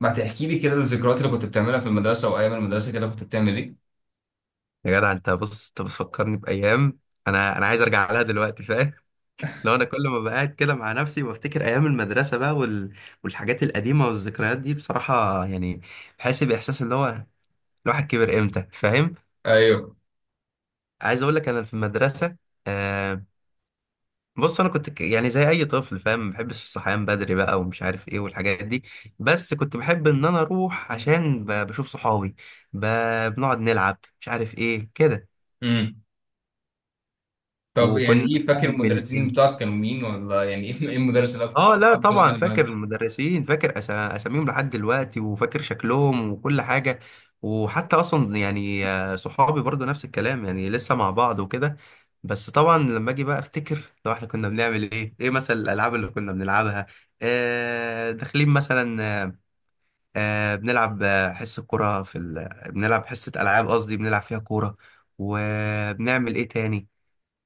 ما تحكي لي كده الذكريات اللي كنت بتعملها في المدرسة وأيام المدرسة كده كنت بتعمل إيه؟ يا جدع، انت بص، انت بتفكرني بايام. انا عايز ارجع لها دلوقتي، فاهم؟ لو انا كل ما بقعد كده مع نفسي بفتكر ايام المدرسه بقى والحاجات القديمه والذكريات دي بصراحه، يعني بحس باحساس اللي هو الواحد كبر امتى، فاهم. ايوه. عايز اقول لك، انا في المدرسه آه بص، انا كنت يعني زي اي طفل، فاهم، ما بحبش الصحيان بدري بقى ومش عارف ايه والحاجات دي. بس كنت بحب ان انا اروح عشان بشوف صحابي. ب... بنقعد نلعب مش عارف ايه كده. امم. طب يعني وكنا إيه، فاكر بنعمل المدرسين ايه. بتوعك كانوا مين، ولا يعني إيه، إيه المدرس اللي أكتر اه لا كنت طبعا بتسمع فاكر معاك؟ المدرسين، فاكر اساميهم لحد دلوقتي، وفاكر شكلهم وكل حاجه. وحتى اصلا يعني صحابي برضو نفس الكلام، يعني لسه مع بعض وكده. بس طبعا لما اجي بقى افتكر لو احنا كنا بنعمل ايه، ايه مثلا الالعاب اللي كنا بنلعبها. آه داخلين مثلا بنلعب حصه كوره في بنلعب حصه العاب، قصدي بنلعب فيها كوره. وبنعمل ايه تاني.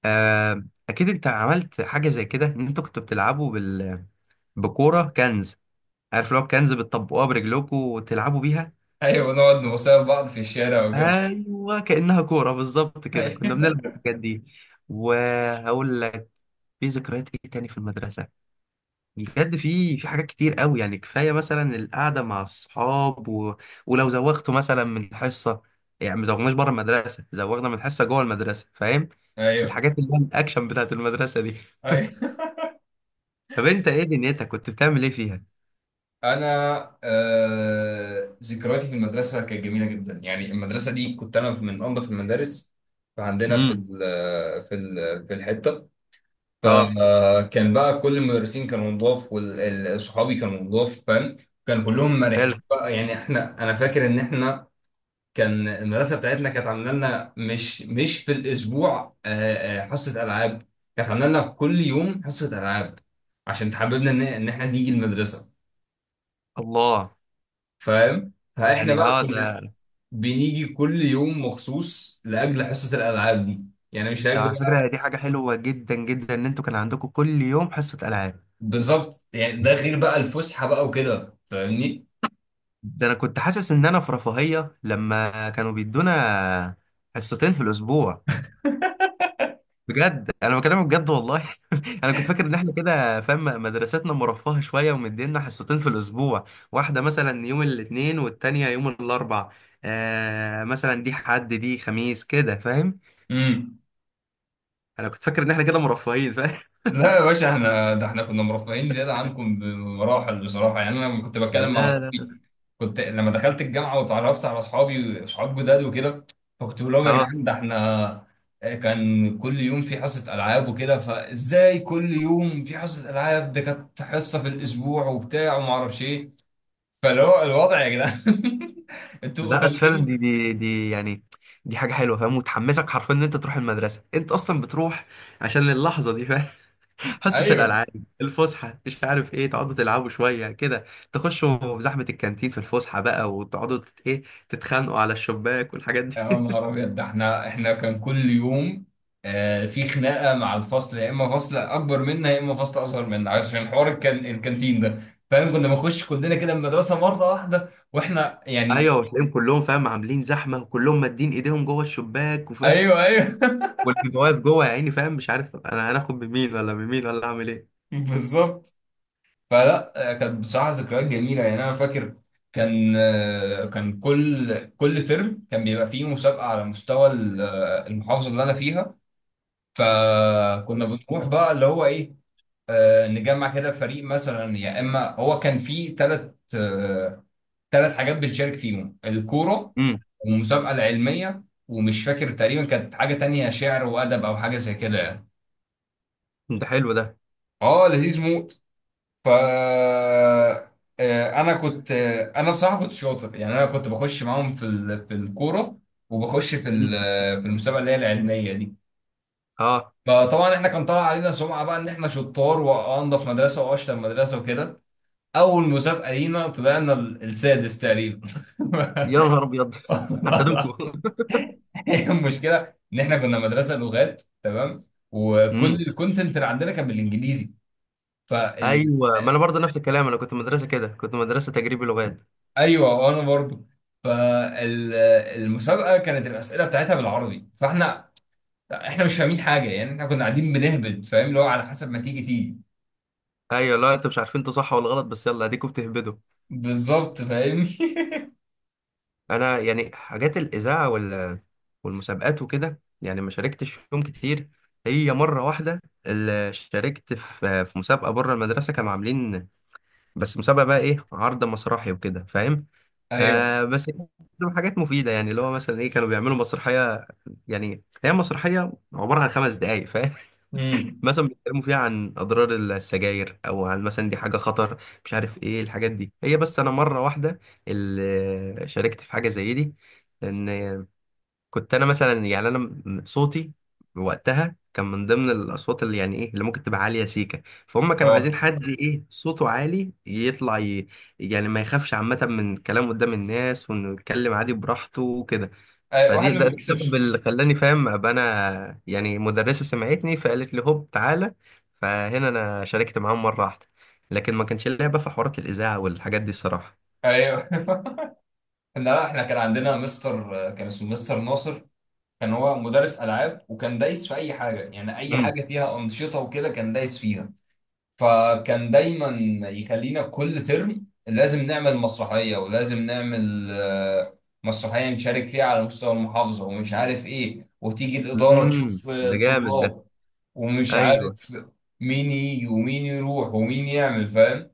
آه اكيد انت عملت حاجه زي كده، ان انتوا كنتوا بتلعبوا بكوره كنز. عارف لو كنز بتطبقوها برجلكم وتلعبوا بيها. أيوه، نقعد نبص لبعض في الشارع وكده. ايوه كانها كوره بالظبط كده كنا أيوه. بنلعب الحاجات دي. وهقول لك في ذكريات ايه تاني في المدرسه. بجد في حاجات كتير قوي، يعني كفايه مثلا القعده مع الصحاب ولو زوغتوا مثلا من الحصه. يعني ما زوغناش بره المدرسه، زوغنا من الحصه جوه المدرسه، فاهم. أيوه. الحاجات اللي هي الاكشن بتاعت المدرسه دي. أيوه. طب انت ايه دنيتك كنت بتعمل ايه فيها؟ أنا ذكرياتي في المدرسة كانت جميلة جدا، يعني المدرسة دي كنت أنا من أنظف المدارس. فعندنا في امم. ال في ال في الحتة، اه فكان بقى كل المدرسين كانوا نضاف، وصحابي كانوا نضاف، فاهم؟ كانوا كلهم حلو. مرحين بقى، يعني انا فاكر ان احنا كان المدرسه بتاعتنا كانت عامله لنا مش في الاسبوع حصه العاب، كانت عامله لنا كل يوم حصه العاب، عشان تحببنا ان احنا نيجي المدرسه، الله. فاهم؟ فاحنا يعني بقى اه. ده كنا بنيجي كل يوم مخصوص لاجل حصه الالعاب دي، يعني مش ده لاجل على بقى. فكرة، هي دي حاجة حلوة جدا جدا ان انتوا كان عندكم كل يوم حصة ألعاب. بالظبط، يعني ده غير بقى الفسحه بقى وكده، فاهمني؟ ده انا كنت حاسس ان انا في رفاهية لما كانوا بيدونا حصتين في الاسبوع. بجد انا بكلمك بجد والله. انا كنت فاكر ان احنا كده، فاهم، مدرستنا مرفهة شوية ومدينا حصتين في الاسبوع. واحدة مثلا يوم الاثنين والتانية يوم الاربع، آه مثلا دي حد دي خميس كده، فاهم. امم. انا كنت فاكر ان احنا كده مرفهين، فاهم. لا يا باشا، احنا ده احنا كنا مرفهين زياده عنكم بمراحل بصراحه، يعني انا لما كنت بتكلم مع لا لا لا. اصحابي، كنت لما دخلت الجامعه وتعرفت على اصحابي صحاب جداد وكده، فكنت بقول لهم يا اه جدعان ده احنا كان كل يوم في حصه العاب وكده، فازاي كل يوم في حصه العاب، ده كانت حصه في الاسبوع وبتاع وما اعرفش ايه، فاللي هو الوضع يا جدعان. انتوا لا، بس فعلا خليتوني. دي يعني دي حاجه حلوه، فاهم، وتحمسك حرفيا ان انت تروح المدرسه، انت اصلا بتروح عشان اللحظه دي، فاهم. حصه ايوه. الالعاب، الفسحه، مش عارف ايه، تقعدوا تلعبوا شويه كده، تخشوا في زحمه الكانتين في الفسحه بقى، وتقعدوا ايه، تتخانقوا على الشباك والحاجات يا دي. نهار ابيض، ده احنا كان كل يوم في خناقه مع الفصل، يا اما فصل اكبر منا يا اما فصل اصغر منا، عشان حوار الكانتين ده، فاهم؟ كنا بنخش كلنا كده المدرسه مره واحده واحنا يعني. ايوه وتلاقيهم كلهم، فاهم، عاملين زحمه وكلهم مادين ايديهم جوه الشباك، وفاهم، ايوه، ايوه. واللي واقف جوه يا عيني، فاهم، مش عارف طب انا هناخد بمين ولا بمين ولا اعمل ايه. بالظبط. فلا، كانت بصراحه ذكريات جميله، يعني انا فاكر كان كان كل ترم كان بيبقى فيه مسابقه على مستوى المحافظه اللي انا فيها، فكنا بنروح بقى اللي هو ايه، نجمع كده فريق مثلا، يا اما هو كان فيه ثلاث حاجات بنشارك فيهم: الكوره امم، والمسابقه العلميه، ومش فاكر، تقريبا كانت حاجه تانية شعر وادب او حاجه زي كده يعني. ده حلو ده. اه، لذيذ موت. ف انا كنت، انا بصراحه كنت شاطر، يعني انا كنت بخش معاهم في الكوره، وبخش مم. في المسابقه اللي هي العلميه دي، اه. فطبعا احنا كان طالع علينا سمعه بقى ان احنا شطار وانضف مدرسه واشطر مدرسه وكده. اول مسابقه لينا طلعنا السادس تقريبا. يا نهار ابيض. حسدوكوا. هي المشكله ان احنا كنا مدرسه لغات، تمام؟ وكل امم. الكونتنت اللي عندنا كان بالانجليزي، فال... ايوه ما انا برضه نفس الكلام، انا كنت مدرسه كده، كنت مدرسه تجريبي لغات. ايوه انا برضو. فالمسابقه كانت الاسئله بتاعتها بالعربي، فاحنا مش فاهمين حاجه، يعني احنا كنا قاعدين بنهبد، فاهم؟ اللي هو على حسب ما تيجي تيجي. ايوه لا انتوا مش عارفين انتوا صح ولا غلط، بس يلا اديكوا بتهبدوا. بالظبط فاهمني. انا يعني حاجات الاذاعه والمسابقات وكده، يعني ما شاركتش فيهم كتير. هي مره واحده اللي شاركت في مسابقه بره المدرسه كانوا عاملين، بس مسابقه بقى ايه، عرض مسرحي وكده، فاهم. ايوه. آه بس كانت حاجات مفيده، يعني اللي هو مثلا ايه، كانوا بيعملوا مسرحيه. يعني هي مسرحيه عباره عن 5 دقائق امم. مثلا، بيتكلموا فيها عن اضرار السجاير، او عن مثلا دي حاجه خطر، مش عارف ايه الحاجات دي، هي بس انا مره واحده اللي شاركت في حاجه زي دي. لان كنت انا مثلا، يعني انا صوتي وقتها كان من ضمن الاصوات اللي يعني ايه اللي ممكن تبقى عاليه سيكه، فهم كانوا عايزين اه. حد ايه صوته عالي يطلع يعني ما يخافش عامه من الكلام قدام الناس، وانه يتكلم عادي براحته وكده. أي-، واحد فدي ما ده السبب بيكسبش. اللي خلاني، فاهم، ابقى انا، يعني مدرسه سمعتني فقالت لي هوب تعالى. فهنا انا شاركت معاهم مره واحده. لكن ما كانش ليا بقى في حوارات الاذاعه والحاجات دي الصراحه. ايوه. لا، احنا كان عندنا مستر، كان اسمه مستر ناصر، كان هو مدرس العاب وكان دايس في اي حاجه، يعني اي امم. حاجه فيها انشطه وكده كان دايس فيها، فكان دايما يخلينا كل ترم لازم نعمل مسرحيه، ولازم نعمل مسرحيه نشارك فيها على مستوى المحافظه ومش عارف ايه، وتيجي الاداره تشوف ده جامد ده. الطلاب ومش ايوه. عارف مين يجي ومين يروح ومين يعمل، فاهم؟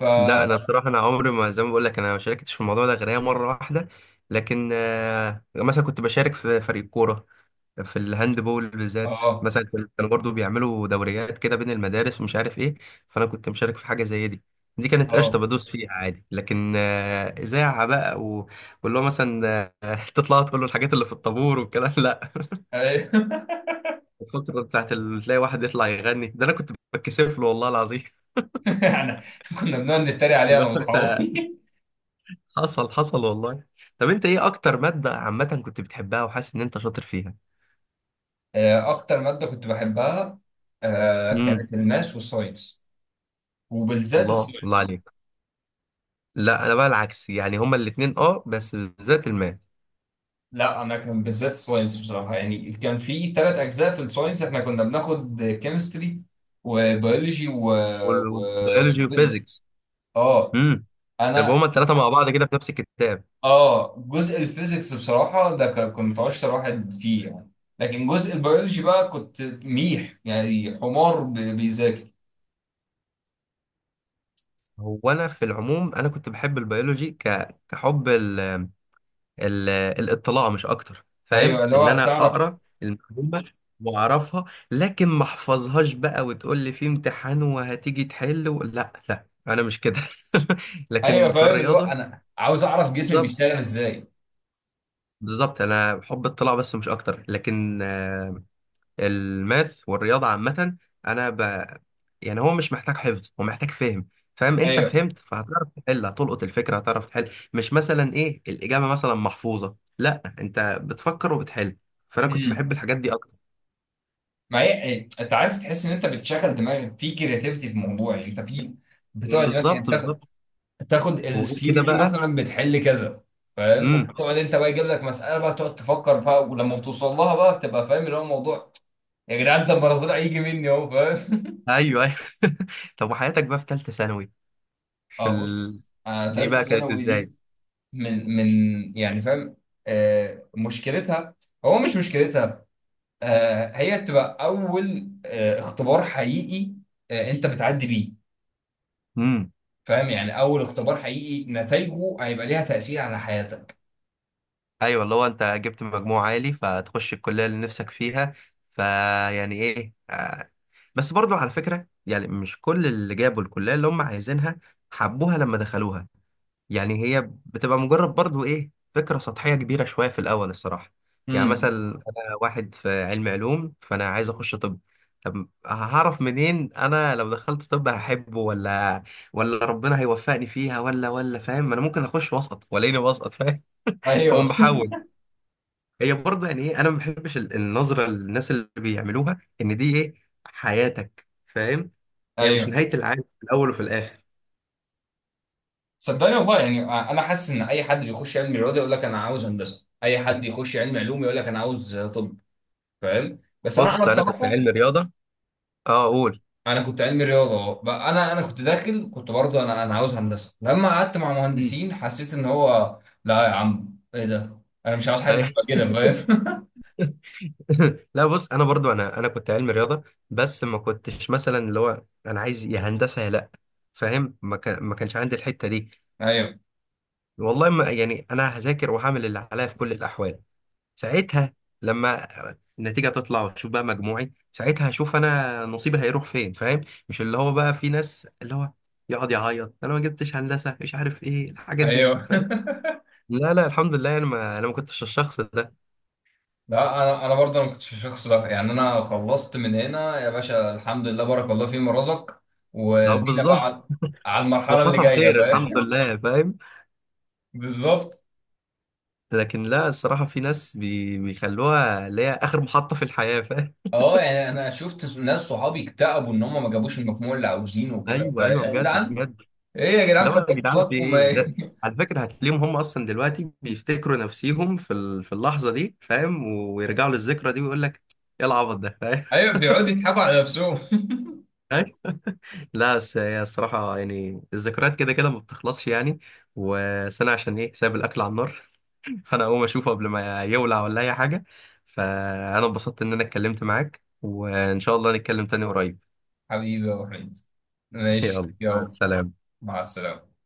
ف لا انا الصراحه انا عمري ما، زي ما بقول لك، انا ما شاركتش في الموضوع ده غير هي مره واحده. لكن مثلا كنت بشارك في فريق كوره في الهاند بول بالذات، اه. مثلا كانوا برضو بيعملوا دوريات كده بين المدارس ومش عارف ايه. فانا كنت مشارك في حاجه زي دي. دي كانت قشطه، اه. بدوس فيها عادي، لكن اذاعه بقى واللي هو مثلا تطلع تقول له الحاجات اللي في الطابور والكلام. لا أيوه. الفتره بتاعت تلاقي واحد يطلع يغني، ده انا كنت بتكسف له والله العظيم. يعني كنا بنقعد نتريق عليها اللي انا هو انت، واصحابي. حصل حصل والله. طب انت ايه اكتر مادة عامة كنت بتحبها وحاسس ان انت شاطر فيها؟ اكتر ماده كنت بحبها، امم. كانت الماس والساينس، وبالذات الله الله الساينس. عليك. لا انا بقى العكس، يعني هما الاتنين اه بس بالذات الماث لا، انا كان بالذات الساينس بصراحه، يعني كان في ثلاث اجزاء في الساينس، احنا كنا بناخد كيمستري وبيولوجي والبيولوجي وفيزيكس. وفيزيكس. اه. امم. يبقى هما انا التلاتة مع بعض كده في نفس الكتاب. اه جزء الفيزيكس بصراحه ده كنت اشطر واحد فيه يعني، لكن جزء البيولوجي بقى كنت ميح، يعني حمار بيذاكر. هو انا في العموم انا كنت بحب البيولوجي كحب ال- الاطلاع مش اكتر، ايوه، فاهم، اللي ان هو انا تعرف. اقرا المعلومه واعرفها، لكن ما احفظهاش بقى وتقول لي في امتحان وهتيجي تحل لا لا انا مش كده. لكن ايوه، في فاهم، اللي هو الرياضه انا عاوز اعرف جسمي بالظبط بيشتغل ازاي. بالظبط، انا بحب اطلاع بس مش اكتر، لكن الماث والرياضة عامة أنا ب... يعني هو مش محتاج حفظ، هو محتاج فهم، فاهم، أنت ايوه. فهمت فهتعرف تحل، هتلقط الفكرة هتعرف تحل، مش مثلا إيه الإجابة مثلا محفوظة، لا أنت بتفكر وبتحل. فأنا كنت بحب امم. الحاجات دي أكتر. ما هي إيه، انت عارف تحس ان انت بتشغل دماغك في كرياتيفيتي في الموضوع، يعني انت في مم، بتقعد مثلا بالظبط تاخد بالظبط. تاخد وغير كده الثيوري دي بقى. مثلا، بتحل كذا، فاهم؟ امم. وبتقعد انت بقى يجيب لك مساله بقى تقعد تفكر فيها، ولما بتوصل لها بقى بتبقى فاهم اللي هو الموضوع. يا جدعان ده المناظير هيجي مني اهو، فاهم؟ ايوه ايوه. طب وحياتك بقى في ثالثه ثانوي في اه بص، انا دي ثالثه بقى كانت ثانوي دي ازاي؟ من يعني فاهم، مشكلتها، هو مش مشكلتها، هي بتبقى اول اختبار حقيقي انت بتعدي بيه، فاهم؟ يعني اول اختبار حقيقي نتائجه هيبقى ليها تأثير على حياتك. ايوه اللي هو انت جبت مجموع عالي فتخش الكليه اللي نفسك فيها، فيعني ايه آه. بس برضو على فكره، يعني مش كل اللي جابوا الكليه اللي هم عايزينها حبوها لما دخلوها. يعني هي بتبقى مجرد برضو ايه، فكره سطحيه كبيره شويه في الاول الصراحه. يعني مثلا امم. انا واحد في علم علوم فانا عايز اخش طب. طب هعرف منين انا لو دخلت طب هحبه ولا ربنا هيوفقني فيها ولا فاهم؟ انا ممكن اخش وسط والاقيني وسط، فاهم. فاقوم ايوه. بحاول. هي برضه يعني ايه، انا ما بحبش النظره للناس اللي بيعملوها ان دي ايه، حياتك، فاهم. هي مش ايوه. نهايه العالم في الاول وفي الاخر. صدقني والله، يعني انا حاسس ان اي حد بيخش علم رياضه يقول لك انا عاوز هندسه، اي حد يخش علم علوم يقول لك انا عاوز طب، فاهم؟ بس انا بص انا كنت بصراحه علمي رياضه. اه قول. انا كنت علمي رياضه، أه. بقى انا كنت داخل، كنت برضه انا عاوز هندسه، لما قعدت مع مم. مهندسين حسيت ان هو لا يا عم، ايه ده، انا مش عاوز حد أي- يبقى كده، فاهم؟ لا بص انا برضو انا كنت علمي رياضه، بس ما كنتش مثلا اللي هو انا عايز يا هندسه يا لا، فاهم، ما كانش عندي الحته دي. ايوه، والله ما، يعني انا هذاكر وهعمل اللي عليا في كل الاحوال. ساعتها لما النتيجه تطلع وتشوف بقى مجموعي، ساعتها هشوف انا نصيبي هيروح فين، فاهم. مش اللي هو بقى في ناس اللي هو يقعد يعيط انا ما جبتش هندسه مش عارف ايه الحاجات دي، ايوه. فاهم. لا لا الحمد لله انا ما كنتش الشخص ده. لا انا برضه ما كنتش الشخص ده، يعني انا خلصت من هنا يا باشا، الحمد لله، بارك الله فيما رزق لا وبينا بقى بالظبط. على على المرحله اللي وحصل جايه، خير الحمد فاهم؟ لله، فاهم. بالظبط. لكن لا الصراحه في ناس بيخلوها اللي هي اخر محطه في الحياه، فاهم. اه يعني انا شفت ناس صحابي اكتئبوا ان هم ما جابوش المجموع اللي عاوزينه وكده، ايوه فايه ايوه يا بجد جدعان، بجد. ايه يا اللي جدعان، هو يا كبروا جدعان في دماغكم ايه ده. ايه. على فكره هتلاقيهم هم اصلا دلوقتي بيفتكروا نفسيهم في في اللحظه دي، فاهم، ويرجعوا للذكرى دي ويقول لك ايه العبط ده، فاهم. ايوه، بيقعدوا يضحكوا على نفسهم. لا بس هي الصراحه يعني الذكريات كده كده ما بتخلصش يعني. وسنه عشان ايه، سايب الاكل على النار، فانا اقوم اشوفه قبل ما يولع ولا اي حاجه. فانا انبسطت ان انا اتكلمت معاك، وان شاء الله نتكلم تاني قريب. حبيبي يا وحيد، ماشي، يلا مع يلا، السلامه. مع السلامه.